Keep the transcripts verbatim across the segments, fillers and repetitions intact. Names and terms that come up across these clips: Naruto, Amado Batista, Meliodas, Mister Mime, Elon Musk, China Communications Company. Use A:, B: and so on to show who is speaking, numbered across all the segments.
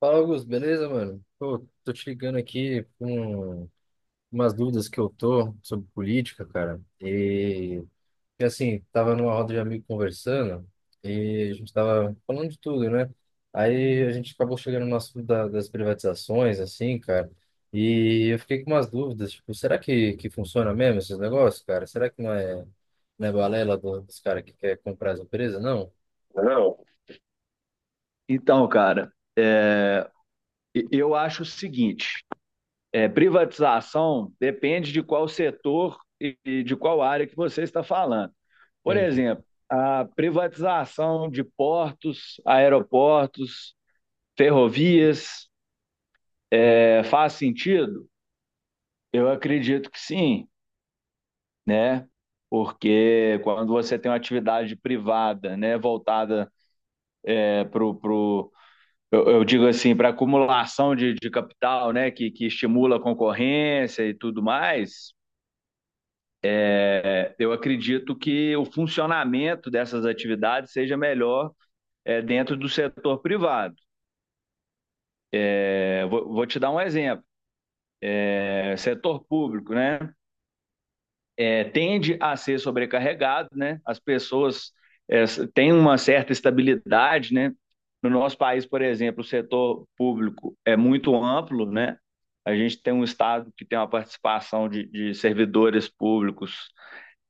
A: Fala, Augusto, beleza, mano? Pô, tô te ligando aqui com umas dúvidas que eu tô sobre política, cara. E, e, assim, tava numa roda de amigo conversando e a gente tava falando de tudo, né? Aí a gente acabou chegando no assunto da- das privatizações, assim, cara. E eu fiquei com umas dúvidas, tipo, será que, que funciona mesmo esses negócios, cara? Será que não é, não é balela do- dos caras que quer comprar as empresas? Não?
B: Não. Então, cara, e- eu acho o seguinte: é, privatização depende de qual setor e e de qual área que você está falando. Por
A: Entende?
B: exemplo, a privatização de portos, aeroportos, ferrovias, é, faz sentido? Eu acredito que sim, né? Porque quando você tem uma atividade privada, né, voltada para o Eu, eu digo assim, para acumulação de, de capital, né, que, que estimula a concorrência e tudo mais, eu acredito que o funcionamento dessas atividades seja melhor é, dentro do setor privado. É, vou, vou, te dar um exemplo: é, setor público, né, é, tende a ser sobrecarregado, né, as pessoas é, têm uma certa estabilidade, né? No nosso país, por exemplo, o setor público é muito amplo, né? A gente tem um Estado que tem uma participação de, de servidores públicos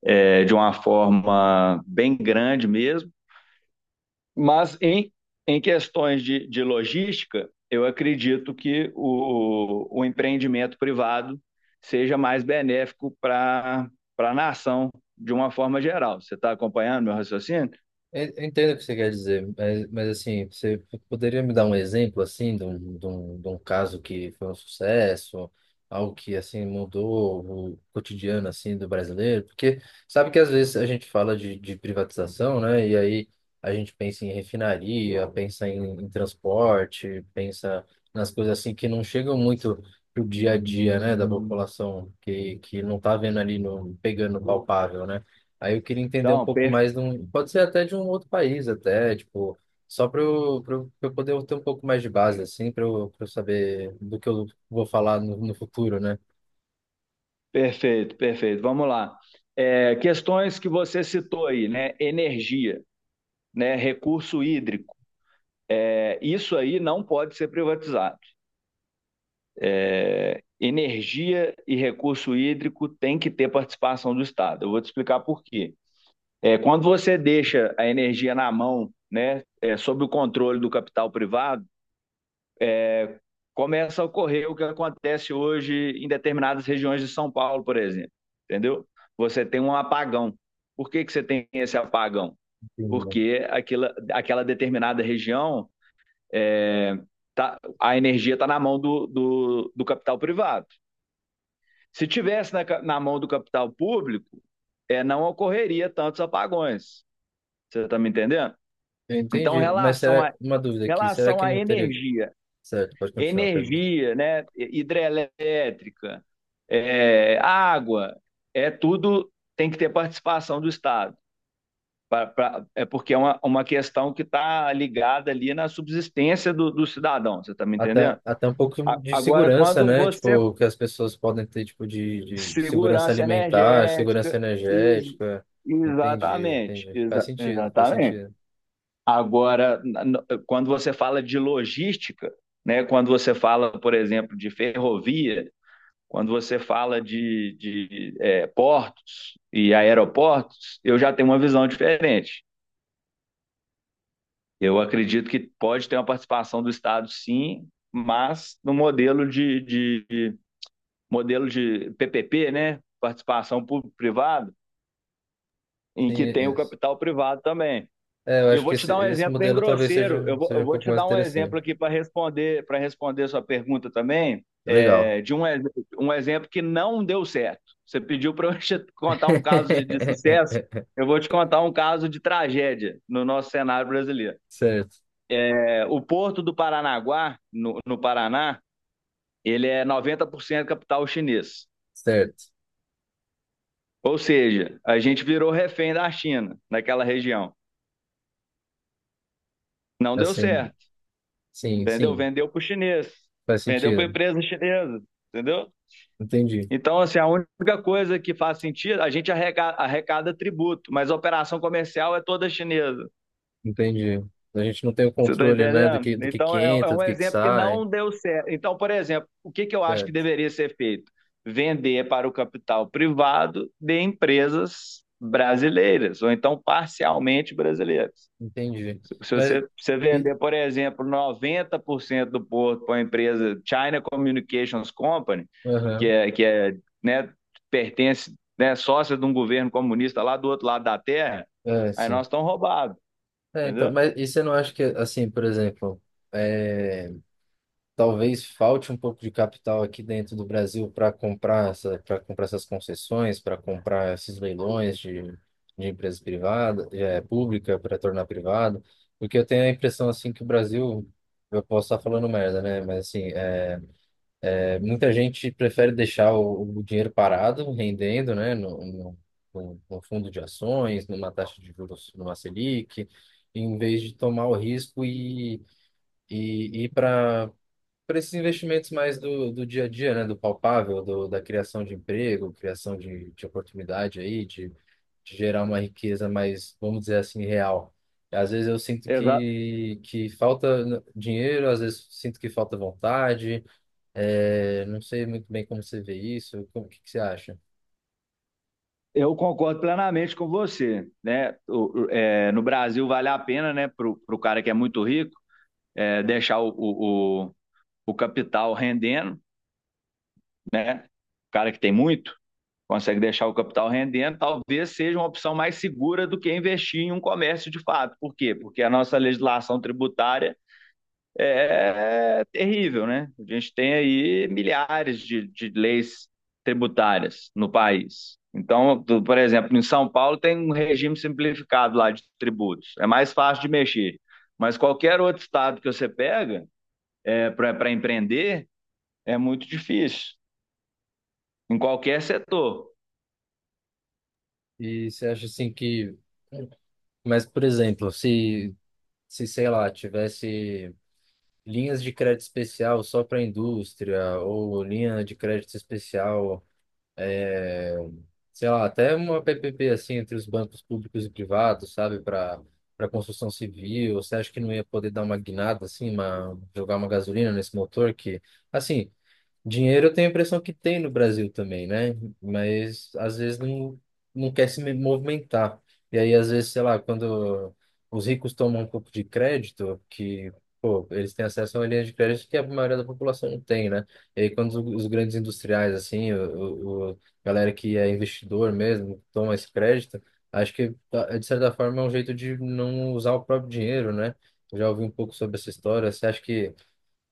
B: é, de uma forma bem grande mesmo, mas em, em questões de, de logística, eu acredito que o, o empreendimento privado seja mais benéfico para a nação de uma forma geral. Você está acompanhando meu raciocínio?
A: en- eu Entendo o que você quer dizer, mas, mas assim, você poderia me dar um exemplo, assim, de um, de um, de um caso que foi um sucesso, algo que, assim, mudou o cotidiano, assim, do brasileiro? Porque sabe que às vezes a gente fala de, de privatização, né? E aí a gente pensa em refinaria, pensa em, em transporte, pensa nas coisas, assim, que não chegam muito pro dia a dia, né, da população, que, que não tá vendo ali, no, pegando palpável, né? Aí eu queria entender um
B: Então,
A: pouco
B: per
A: mais de um, pode ser até de um outro país até, tipo, só para eu, pra eu, pra eu poder ter um pouco mais de base, assim, para eu, pra eu saber do que eu vou falar no, no futuro, né?
B: Perfeito, perfeito. Vamos lá. É, questões que você citou aí, né? Energia, né? Recurso hídrico. É, isso aí não pode ser privatizado. Energia e recurso hídrico tem que ter participação do Estado. Eu vou te explicar por quê. É, quando você deixa a energia na mão, né, é, sob o controle do capital privado, começa a ocorrer o que acontece hoje em determinadas regiões de São Paulo, por exemplo. Entendeu? Você tem um apagão. Por que, que você tem esse apagão?
A: Entendi.
B: Porque aquela, aquela determinada região, é, tá, a energia está na mão do, do, do, capital privado. Se tivesse na, na mão do capital público, é, não ocorreria tantos apagões. Você está me entendendo?
A: Eu
B: Então,
A: entendi, mas
B: relação
A: será,
B: a,
A: uma dúvida aqui, será
B: relação
A: que
B: à
A: não teria,
B: energia,
A: certo, pode continuar, a pergunta.
B: energia, né, hidrelétrica, é, água, é tudo tem que ter participação do Estado. Pra, pra, é porque é uma, uma questão que está ligada ali na subsistência do, do cidadão, você está me entendendo?
A: Até, até um pouco
B: A-
A: de
B: Agora,
A: segurança,
B: quando
A: né?
B: você.
A: Tipo, que as pessoas podem ter, tipo, de, de segurança
B: Segurança
A: alimentar, segurança
B: energética, is-
A: energética. Entendi,
B: exatamente,
A: entendi. Faz
B: exa-
A: sentido, faz
B: exatamente.
A: sentido.
B: Agora, na- na- quando você fala de logística, né, quando você fala, por exemplo, de ferrovia, quando você fala de, de eh, portos e aeroportos, eu já tenho uma visão diferente. Eu acredito que pode ter uma participação do Estado, sim, mas no modelo de, de, de- modelo de P P P, né? Participação público-privado, em que tem o
A: Sim,
B: capital privado também.
A: é, eu
B: E eu
A: acho
B: vou
A: que
B: te
A: esse,
B: dar um
A: esse
B: exemplo bem
A: modelo talvez
B: grosseiro.
A: seja,
B: Eu vou,
A: seja
B: eu
A: um
B: vou
A: pouco
B: te
A: mais
B: dar um exemplo
A: interessante.
B: aqui para responder para responder sua pergunta também,
A: Legal.
B: é, de um, um exemplo que não deu certo. Você pediu para eu te contar um caso de de sucesso. Eu vou te contar um caso de tragédia no nosso cenário brasileiro.
A: Certo,
B: É, O porto do Paranaguá, no, no Paraná, ele é noventa por cento capital chinês.
A: certo.
B: Ou seja, a gente virou refém da China, naquela região. Não deu
A: Assim,
B: certo,
A: sim,
B: entendeu?
A: sim,
B: Vendeu para o chinês,
A: faz
B: vendeu para a
A: sentido.
B: empresa chinesa, entendeu?
A: Entendi,
B: Então, assim, a única coisa que faz sentido, a gente arrecada, arrecada tributo, mas a operação comercial é toda chinesa.
A: entendi. A gente não tem o
B: Você está
A: controle, né, do
B: entendendo?
A: que, do que
B: Então,
A: que
B: é, é
A: entra,
B: um
A: do que que
B: exemplo que
A: sai.
B: não deu certo. Então, por exemplo, o que, que eu acho que
A: Certo,
B: deveria ser feito? Vender para o capital privado de empresas brasileiras, ou então parcialmente brasileiras.
A: entendi.
B: Se
A: Mas,
B: você, você
A: e,
B: vender, por exemplo, noventa por cento do porto para a empresa China Communications Company, que
A: aham,
B: é, que é né, pertence, né, sócia de um governo comunista lá do outro lado da terra,
A: é,
B: aí
A: sim.
B: nós estamos roubados,
A: É, então,
B: entendeu?
A: mas e você não acha que, assim, por exemplo, é, talvez falte um pouco de capital aqui dentro do Brasil para comprar essa, para comprar essas concessões, para comprar esses leilões de, de empresas privadas, é, pública para tornar privada, porque eu tenho a impressão assim que o Brasil, eu posso estar falando merda, né? Mas assim, é, é, muita gente prefere deixar o, o dinheiro parado, rendendo, né? No, no, no no fundo de ações, numa taxa de juros, numa Selic, em vez de tomar o risco e e ir para para esses investimentos mais do, do dia a dia, né, do palpável, do, da criação de emprego, criação de, de oportunidade aí, de, de gerar uma riqueza mais, vamos dizer assim, real. Às vezes eu sinto
B: Exa
A: que, que falta dinheiro, às vezes sinto que falta vontade, é, não sei muito bem como você vê isso, como, o que, que você acha?
B: Eu concordo plenamente com você, né? O- o- é, no Brasil vale a pena, né, para o cara que é muito rico, é, deixar o, o, o- o capital rendendo, né? O cara que tem muito consegue deixar o capital rendendo, talvez seja uma opção mais segura do que investir em um comércio de fato. Por quê? Porque a nossa legislação tributária é é terrível, né? A gente tem aí milhares de, de leis tributárias no país. Então, tu- por exemplo, em São Paulo tem um regime simplificado lá de tributos. É mais fácil de mexer. Mas qualquer outro estado que você pega é, para empreender é muito difícil, em qualquer setor.
A: E você acha assim que, mas por exemplo, se, se sei lá, tivesse linhas de crédito especial só para indústria, ou linha de crédito especial, é, sei lá, até uma P P P assim entre os bancos públicos e privados, sabe, para para construção civil. Você acha que não ia poder dar uma guinada assim, uma, jogar uma gasolina nesse motor que, assim, Dinheiro eu tenho a impressão que tem no Brasil também, né? Mas às vezes não, não quer se me- movimentar. E aí, às vezes, sei lá, quando os ricos tomam um pouco de crédito, que, pô, eles têm acesso a uma linha de crédito que a maioria da população não tem, né? E aí, quando os os grandes industriais, assim, o, o, o galera que é investidor mesmo, toma esse crédito, acho que, tá, é, de certa forma, é um jeito de não usar o próprio dinheiro, né? Eu já ouvi um pouco sobre essa história. Você acha que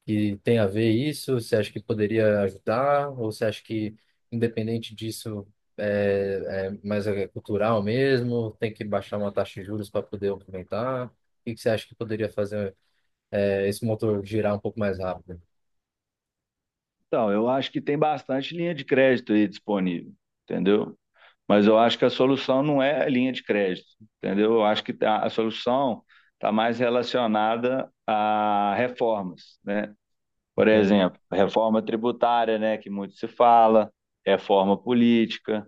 A: que tem a ver isso? Você acha que poderia ajudar? Ou você acha que, independente disso, é, é mais é cultural mesmo? Tem que baixar uma taxa de juros para poder aumentar? O que que você acha que poderia fazer é, esse motor girar um pouco mais rápido?
B: Então, eu acho que tem bastante linha de crédito aí disponível, entendeu? Mas eu acho que a solução não é a linha de crédito, entendeu? Eu acho que a a solução está mais relacionada a reformas, né? Por
A: Entendo.
B: exemplo, reforma tributária, né, que muito se fala, reforma política,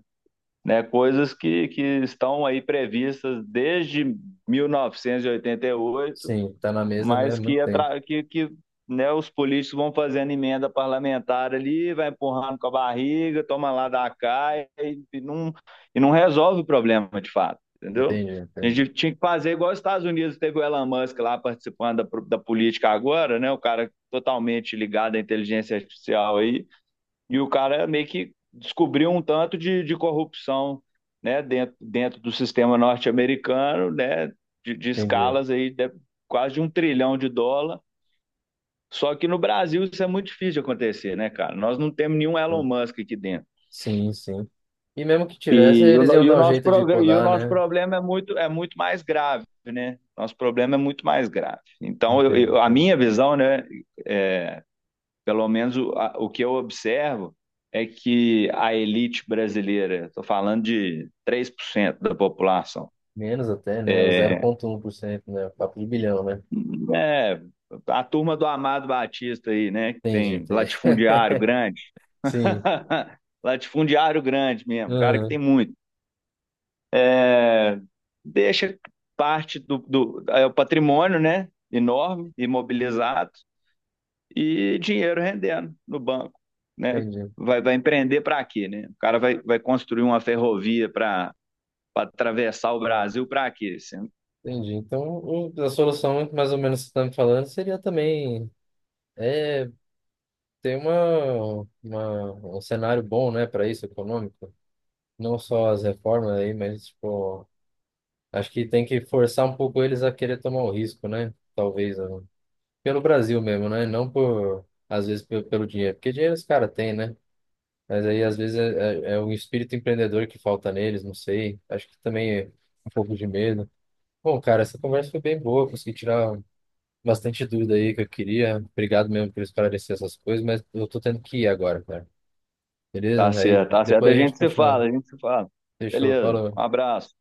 B: né, coisas que, que estão aí previstas desde mil novecentos e oitenta e oito,
A: Sim, tá na mesa, né? há
B: mas
A: Muito
B: que,
A: tempo.
B: atra- que, que né, os políticos vão fazendo emenda parlamentar ali, vai empurrando com a barriga, toma lá da cá, e, e não, e não resolve o problema de fato, entendeu?
A: Entendi,
B: A
A: entendi.
B: gente tinha que fazer igual os Estados Unidos, teve o Elon Musk lá participando da, pro- da política agora, né? O cara totalmente ligado à inteligência artificial aí. E o cara meio que descobriu um tanto de, de corrupção, né, dentro, dentro do sistema norte-americano, né, de, de
A: Entendi.
B: escalas aí de quase de um trilhão de dólar. Só que no Brasil isso é muito difícil de acontecer, né, cara? Nós não temos nenhum Elon Musk aqui dentro.
A: Sim, sim. E mesmo que tivesse,
B: E o,
A: eles
B: no-
A: iam
B: e o
A: dar um
B: nosso,
A: jeito de
B: progr- e o
A: podar,
B: nosso
A: né?
B: problema é muito, é muito mais grave, né? Nosso problema é muito mais grave. Então, eu-
A: Entendo,
B: eu- a
A: entendo.
B: minha visão, né, é, Pelo menos o, a- o que eu observo é que a elite brasileira, estou falando de três por cento da população,
A: Menos até, né? O zero vírgula um por cento, né? Papo de bilhão, né?
B: é a turma do Amado Batista aí, né? Que
A: Entendi,
B: tem
A: entendi.
B: latifundiário grande.
A: Sim,
B: Latifundiário grande mesmo, um cara que
A: aham,
B: tem muito. é, Deixa parte do, do é o patrimônio, né? Enorme, imobilizado. E dinheiro rendendo no banco, né?
A: entendi,
B: Vai, vai empreender para quê, né? O cara vai, vai construir uma ferrovia para para atravessar o Brasil para quê? Assim,
A: entendi. Então, o- a solução, mais ou menos, que você está me falando, seria também é, ter uma, uma, um cenário bom, né, para isso, econômico. Não só as reformas aí, mas, tipo, acho que tem que forçar um pouco eles a querer tomar o risco, né? Talvez, ó, pelo Brasil mesmo, né? Não por, às vezes, pe- pelo dinheiro, porque dinheiro os caras têm, né? Mas aí, às vezes, é, é, é o espírito empreendedor que falta neles, não sei. Acho que também é um pouco de medo. Bom, cara, essa conversa foi bem boa, consegui tirar bastante dúvida aí que eu queria. Obrigado mesmo por esclarecer essas coisas, mas eu tô tendo que ir agora, cara.
B: tá
A: Beleza? Aí
B: certo, tá certo.
A: depois
B: A
A: a gente
B: gente se fala,
A: continua.
B: a gente se fala.
A: Fechou,
B: Beleza,
A: falou.
B: um abraço.